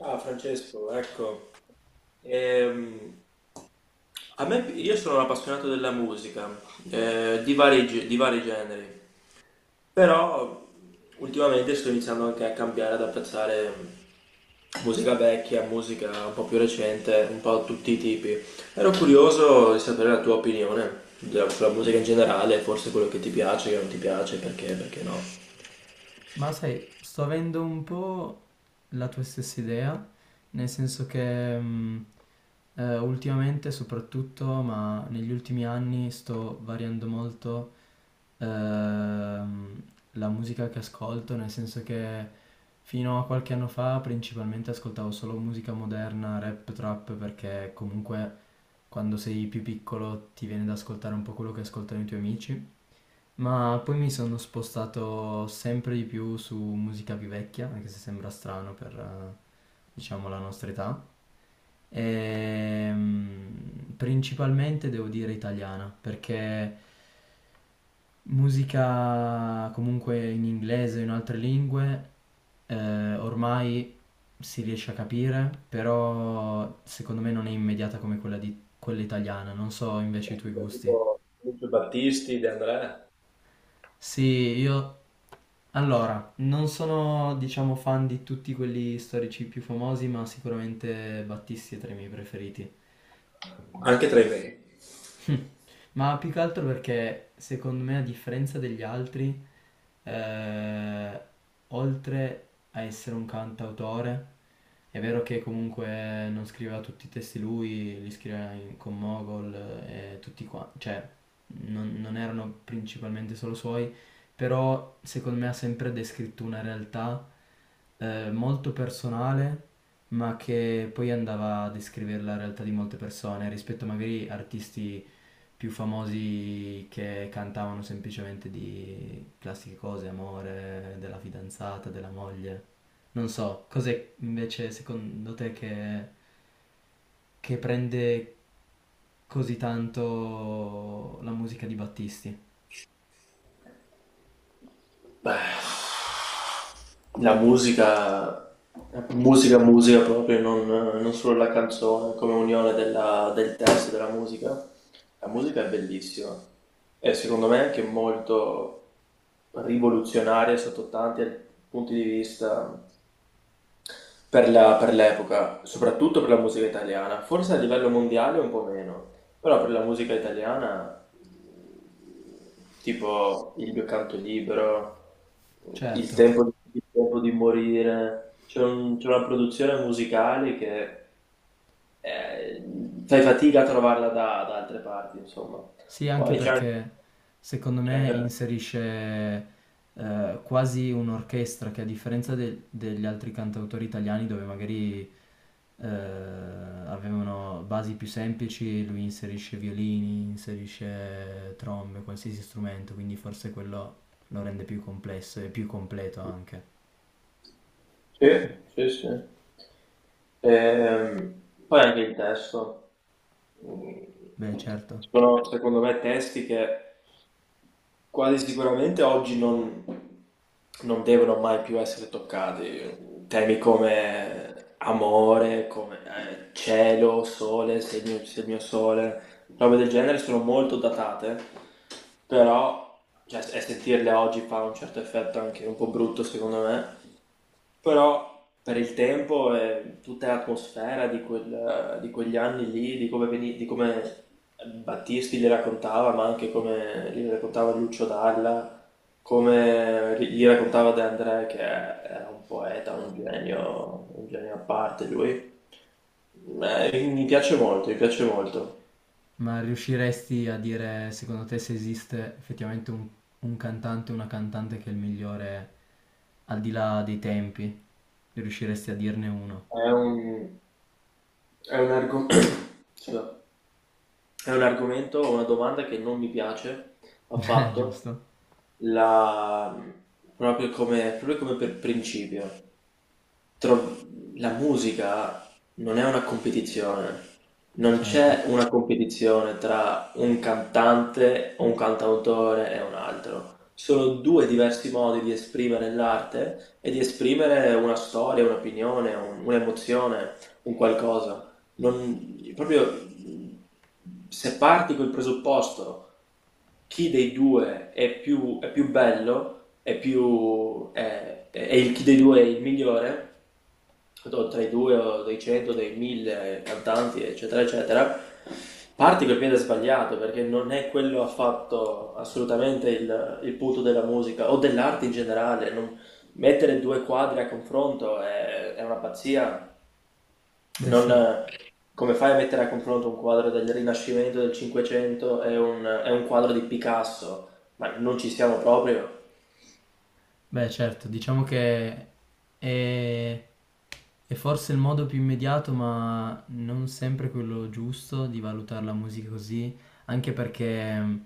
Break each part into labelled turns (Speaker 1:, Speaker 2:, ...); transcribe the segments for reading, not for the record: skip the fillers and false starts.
Speaker 1: Ah, Francesco, ecco. Ehm, io sono un appassionato della musica, di di vari generi, però ultimamente sto iniziando anche a cambiare, ad apprezzare musica vecchia, musica un po' più recente, un po' tutti i tipi. Ero curioso di sapere la tua opinione sulla musica in generale, forse quello che ti piace, che non ti piace, perché, perché no.
Speaker 2: Ma sai, sto avendo un po' la tua stessa idea, nel senso che ultimamente soprattutto, ma negli ultimi anni sto variando molto ehm, la musica che ascolto, nel senso che fino a qualche anno fa principalmente ascoltavo solo musica moderna, rap, trap, perché comunque quando sei più piccolo ti viene da ascoltare un po' quello che ascoltano i tuoi amici. Ma poi mi sono spostato sempre di più su musica più vecchia, anche se sembra strano per, diciamo, la nostra età. Principalmente devo dire italiana, perché musica comunque in inglese o in altre lingue ormai si riesce a capire, però secondo me non è immediata come quella italiana. Non so invece i tuoi gusti.
Speaker 1: Tipo Lucio Battisti, De André,
Speaker 2: Sì, io... Allora, non sono, diciamo, fan di tutti quelli storici più famosi, ma sicuramente Battisti è tra i miei preferiti.
Speaker 1: anche tra i miei.
Speaker 2: Ma più che altro perché secondo me a differenza degli altri, eh, oltre a essere un cantautore, è vero che comunque non scriveva tutti i testi lui, li scriveva con Mogol e tutti qua, cioè non erano principalmente solo suoi, però secondo me ha sempre descritto una realtà molto personale, ma che poi andava a descrivere la realtà di molte persone rispetto magari artisti più famosi che cantavano semplicemente di classiche cose, amore, della fidanzata, della moglie. Non so, cos'è invece secondo te che prende così tanto la musica di Battisti?
Speaker 1: Beh, la musica proprio, non solo la canzone, come unione del testo e della musica. La musica è bellissima e secondo me è anche molto rivoluzionaria sotto tanti punti di vista per per l'epoca, soprattutto per la musica italiana, forse a livello mondiale un po' meno, però per la musica italiana, tipo Il mio canto libero, Il
Speaker 2: Certo,
Speaker 1: tempo, il tempo di morire, c'è c'è una produzione musicale che eh, fai fatica a trovarla da altre parti, insomma.
Speaker 2: sì, anche
Speaker 1: Poi
Speaker 2: perché secondo
Speaker 1: c'è
Speaker 2: me
Speaker 1: anche
Speaker 2: inserisce quasi un'orchestra che a differenza degli altri cantautori italiani dove magari avevano basi più semplici, lui inserisce violini, inserisce trombe, qualsiasi strumento, quindi forse quello lo rende più complesso e più completo anche.
Speaker 1: sì, sì, sì. Ehm, Poi anche il testo. Mm,
Speaker 2: Beh, certo.
Speaker 1: Sono, secondo me, testi che quasi sicuramente oggi non, non devono mai più essere toccati. Temi come amore, come cielo, sole, se il mio sole, robe del genere sono molto datate, però cioè, e sentirle oggi fa un certo effetto anche un po' brutto, secondo me. Però per il tempo e tutta l'atmosfera di, di quegli anni lì, di come, di come Battisti li raccontava, ma anche come li raccontava Lucio Dalla, come li raccontava De André, che era un poeta, un genio a parte lui. Mi piace molto, mi piace molto.
Speaker 2: Ma riusciresti a dire, secondo te, se esiste effettivamente un cantante o una cantante che è il migliore al di là dei tempi? Riusciresti a dirne uno?
Speaker 1: È un, è un argo- scusa. È un argomento, una domanda che non mi piace affatto.
Speaker 2: Giusto?
Speaker 1: La proprio come per principio tro- la musica non è una competizione. Non c'è
Speaker 2: Certo.
Speaker 1: una competizione tra un cantante o un cantautore e un altro. Sono due diversi modi di esprimere l'arte e di esprimere una storia, un'opinione, un'emozione, un qualcosa. Non, proprio se parti col presupposto chi dei due è più bello, chi dei due è il migliore, tra i due o dei 100, dei 1000 cantanti, eccetera, eccetera, parti col piede sbagliato perché non è quello affatto assolutamente il punto della musica o dell'arte in generale. Mettere due quadri a confronto è una pazzia.
Speaker 2: Beh, sì.
Speaker 1: Non- come fai a mettere a confronto un quadro del Rinascimento del Cinquecento e un quadro di Picasso? Ma non ci siamo proprio.
Speaker 2: Beh, certo, diciamo che è, è forse il modo più immediato, ma non sempre quello giusto di valutare la musica così, anche perché,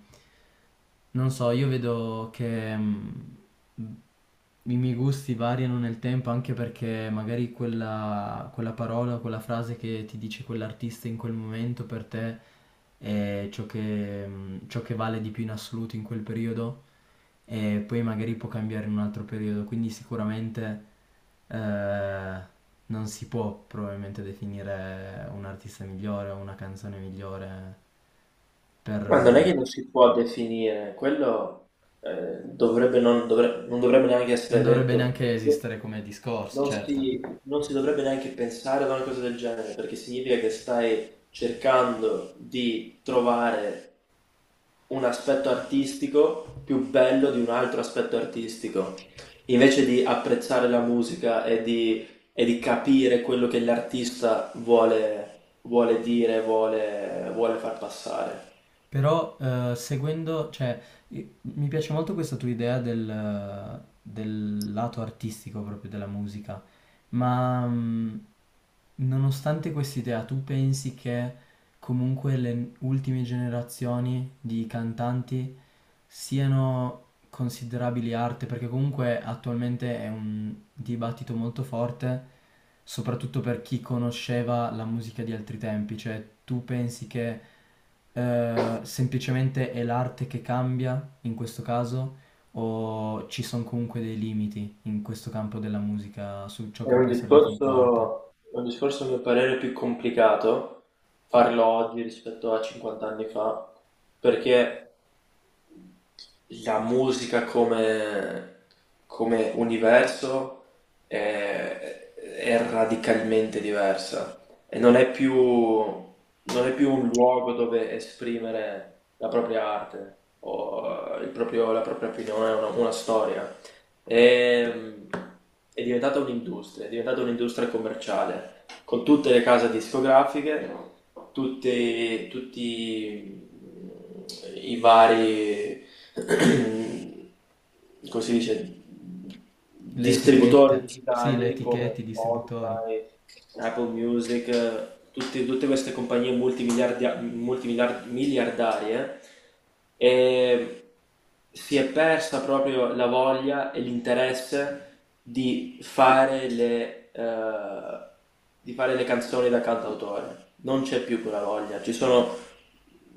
Speaker 2: non so, io vedo che i miei gusti variano nel tempo anche perché magari quella parola o quella frase che ti dice quell'artista in quel momento per te è ciò che vale di più in assoluto in quel periodo e poi magari può cambiare in un altro periodo, quindi sicuramente eh, non si può probabilmente definire un artista migliore o una canzone migliore per...
Speaker 1: Ma non è che non si può definire, quello non dovrebbe neanche
Speaker 2: non
Speaker 1: essere
Speaker 2: dovrebbe
Speaker 1: detto,
Speaker 2: neanche esistere come discorso, certo.
Speaker 1: non si dovrebbe neanche pensare ad una cosa del genere, perché significa che stai cercando di trovare un aspetto artistico più bello di un altro aspetto artistico, invece di apprezzare la musica e di capire quello che l'artista vuole dire, vuole far passare.
Speaker 2: Però seguendo, cioè, mi piace molto questa tua idea del lato artistico proprio della musica, ma nonostante quest'idea, tu pensi che comunque le ultime generazioni di cantanti siano considerabili arte, perché comunque attualmente è un dibattito molto forte, soprattutto per chi conosceva la musica di altri tempi, cioè tu pensi che semplicemente è l'arte che cambia in questo caso o ci sono comunque dei limiti in questo campo della musica su ciò che può essere definito arte?
Speaker 1: È un discorso a mio parere più complicato farlo oggi rispetto a 50 anni fa, perché la musica come universo è radicalmente diversa e non è più un luogo dove esprimere la propria arte o la propria opinione, una storia. Ehm, è diventata un'industria commerciale, con tutte le case discografiche, tutti mm, i vari come si dice,
Speaker 2: Le
Speaker 1: distributori
Speaker 2: etichette, sì, le
Speaker 1: digitali come
Speaker 2: etichette, i distributori.
Speaker 1: Spotify, Apple Music, tutte queste compagnie miliardarie, e si è persa proprio la voglia e l'interesse di fare di fare le canzoni da cantautore. Non c'è più quella voglia.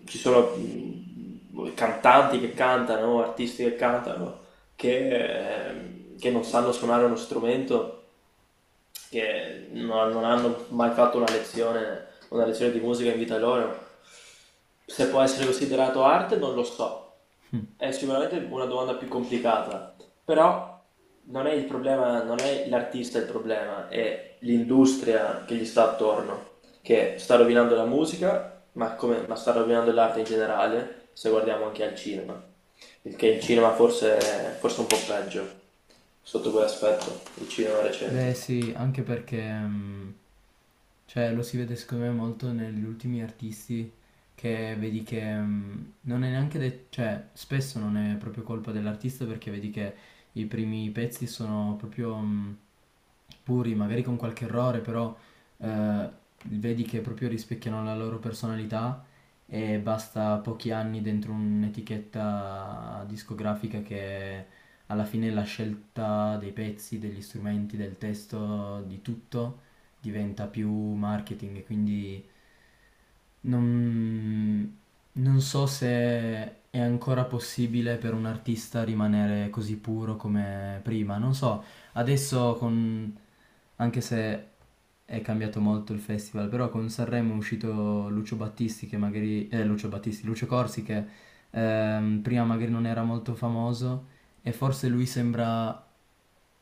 Speaker 1: Ci sono cantanti che cantano, artisti che cantano, che non sanno suonare uno strumento che non hanno mai fatto una lezione di musica in vita loro. Se può essere considerato arte, non lo so. È sicuramente una domanda più complicata, però non è il problema, non è l'artista il problema, è l'industria che gli sta attorno, che sta rovinando la musica, ma, ma sta rovinando l'arte in generale, se guardiamo anche al cinema. Il cinema forse è un po' peggio sotto quell'aspetto, il cinema
Speaker 2: Beh
Speaker 1: recente.
Speaker 2: sì, anche perché cioè, lo si vede secondo me molto negli ultimi artisti che vedi che non è neanche de- cioè spesso non è proprio colpa dell'artista perché vedi che i primi pezzi sono proprio puri, magari con qualche errore, però eh, vedi che proprio rispecchiano la loro personalità e basta pochi anni dentro un'etichetta discografica che alla fine la scelta dei pezzi, degli strumenti, del testo, di tutto diventa più marketing e quindi non, non so se è ancora possibile per un artista rimanere così puro come prima. Non so, adesso con... anche se è cambiato molto il festival, però con Sanremo è uscito Lucio Battisti che magari... Lucio Corsi che prima magari non era molto famoso e forse lui sembra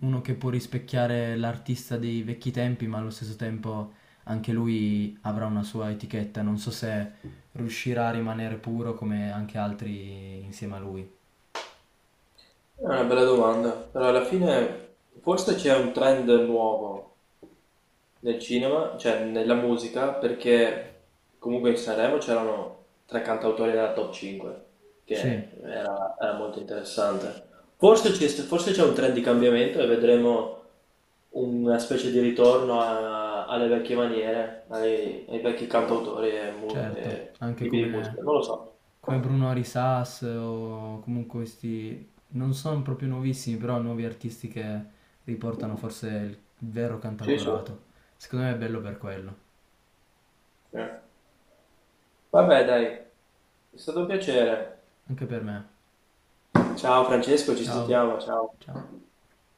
Speaker 2: uno che può rispecchiare l'artista dei vecchi tempi, ma allo stesso tempo anche lui avrà una sua etichetta, non so se riuscirà a rimanere puro come anche altri insieme a lui.
Speaker 1: È una bella domanda, però alla fine forse c'è un trend nuovo nel cinema, cioè nella musica, perché comunque in Sanremo c'erano tre cantautori nella top 5,
Speaker 2: Sì,
Speaker 1: era molto interessante. Forse c'è un trend di cambiamento e vedremo una specie di ritorno alle vecchie maniere, ai vecchi cantautori e,
Speaker 2: certo,
Speaker 1: e tipi di musica, non lo so.
Speaker 2: come Bruno Arisas o comunque questi, non sono proprio nuovissimi, però nuovi artisti che riportano forse il vero
Speaker 1: Sì, sì.
Speaker 2: cantautorato. Secondo me è bello per quello,
Speaker 1: Sì. Vabbè, dai, è stato un piacere.
Speaker 2: anche per me.
Speaker 1: Ciao Francesco, ci
Speaker 2: Ciao,
Speaker 1: sentiamo, ciao.
Speaker 2: ciao.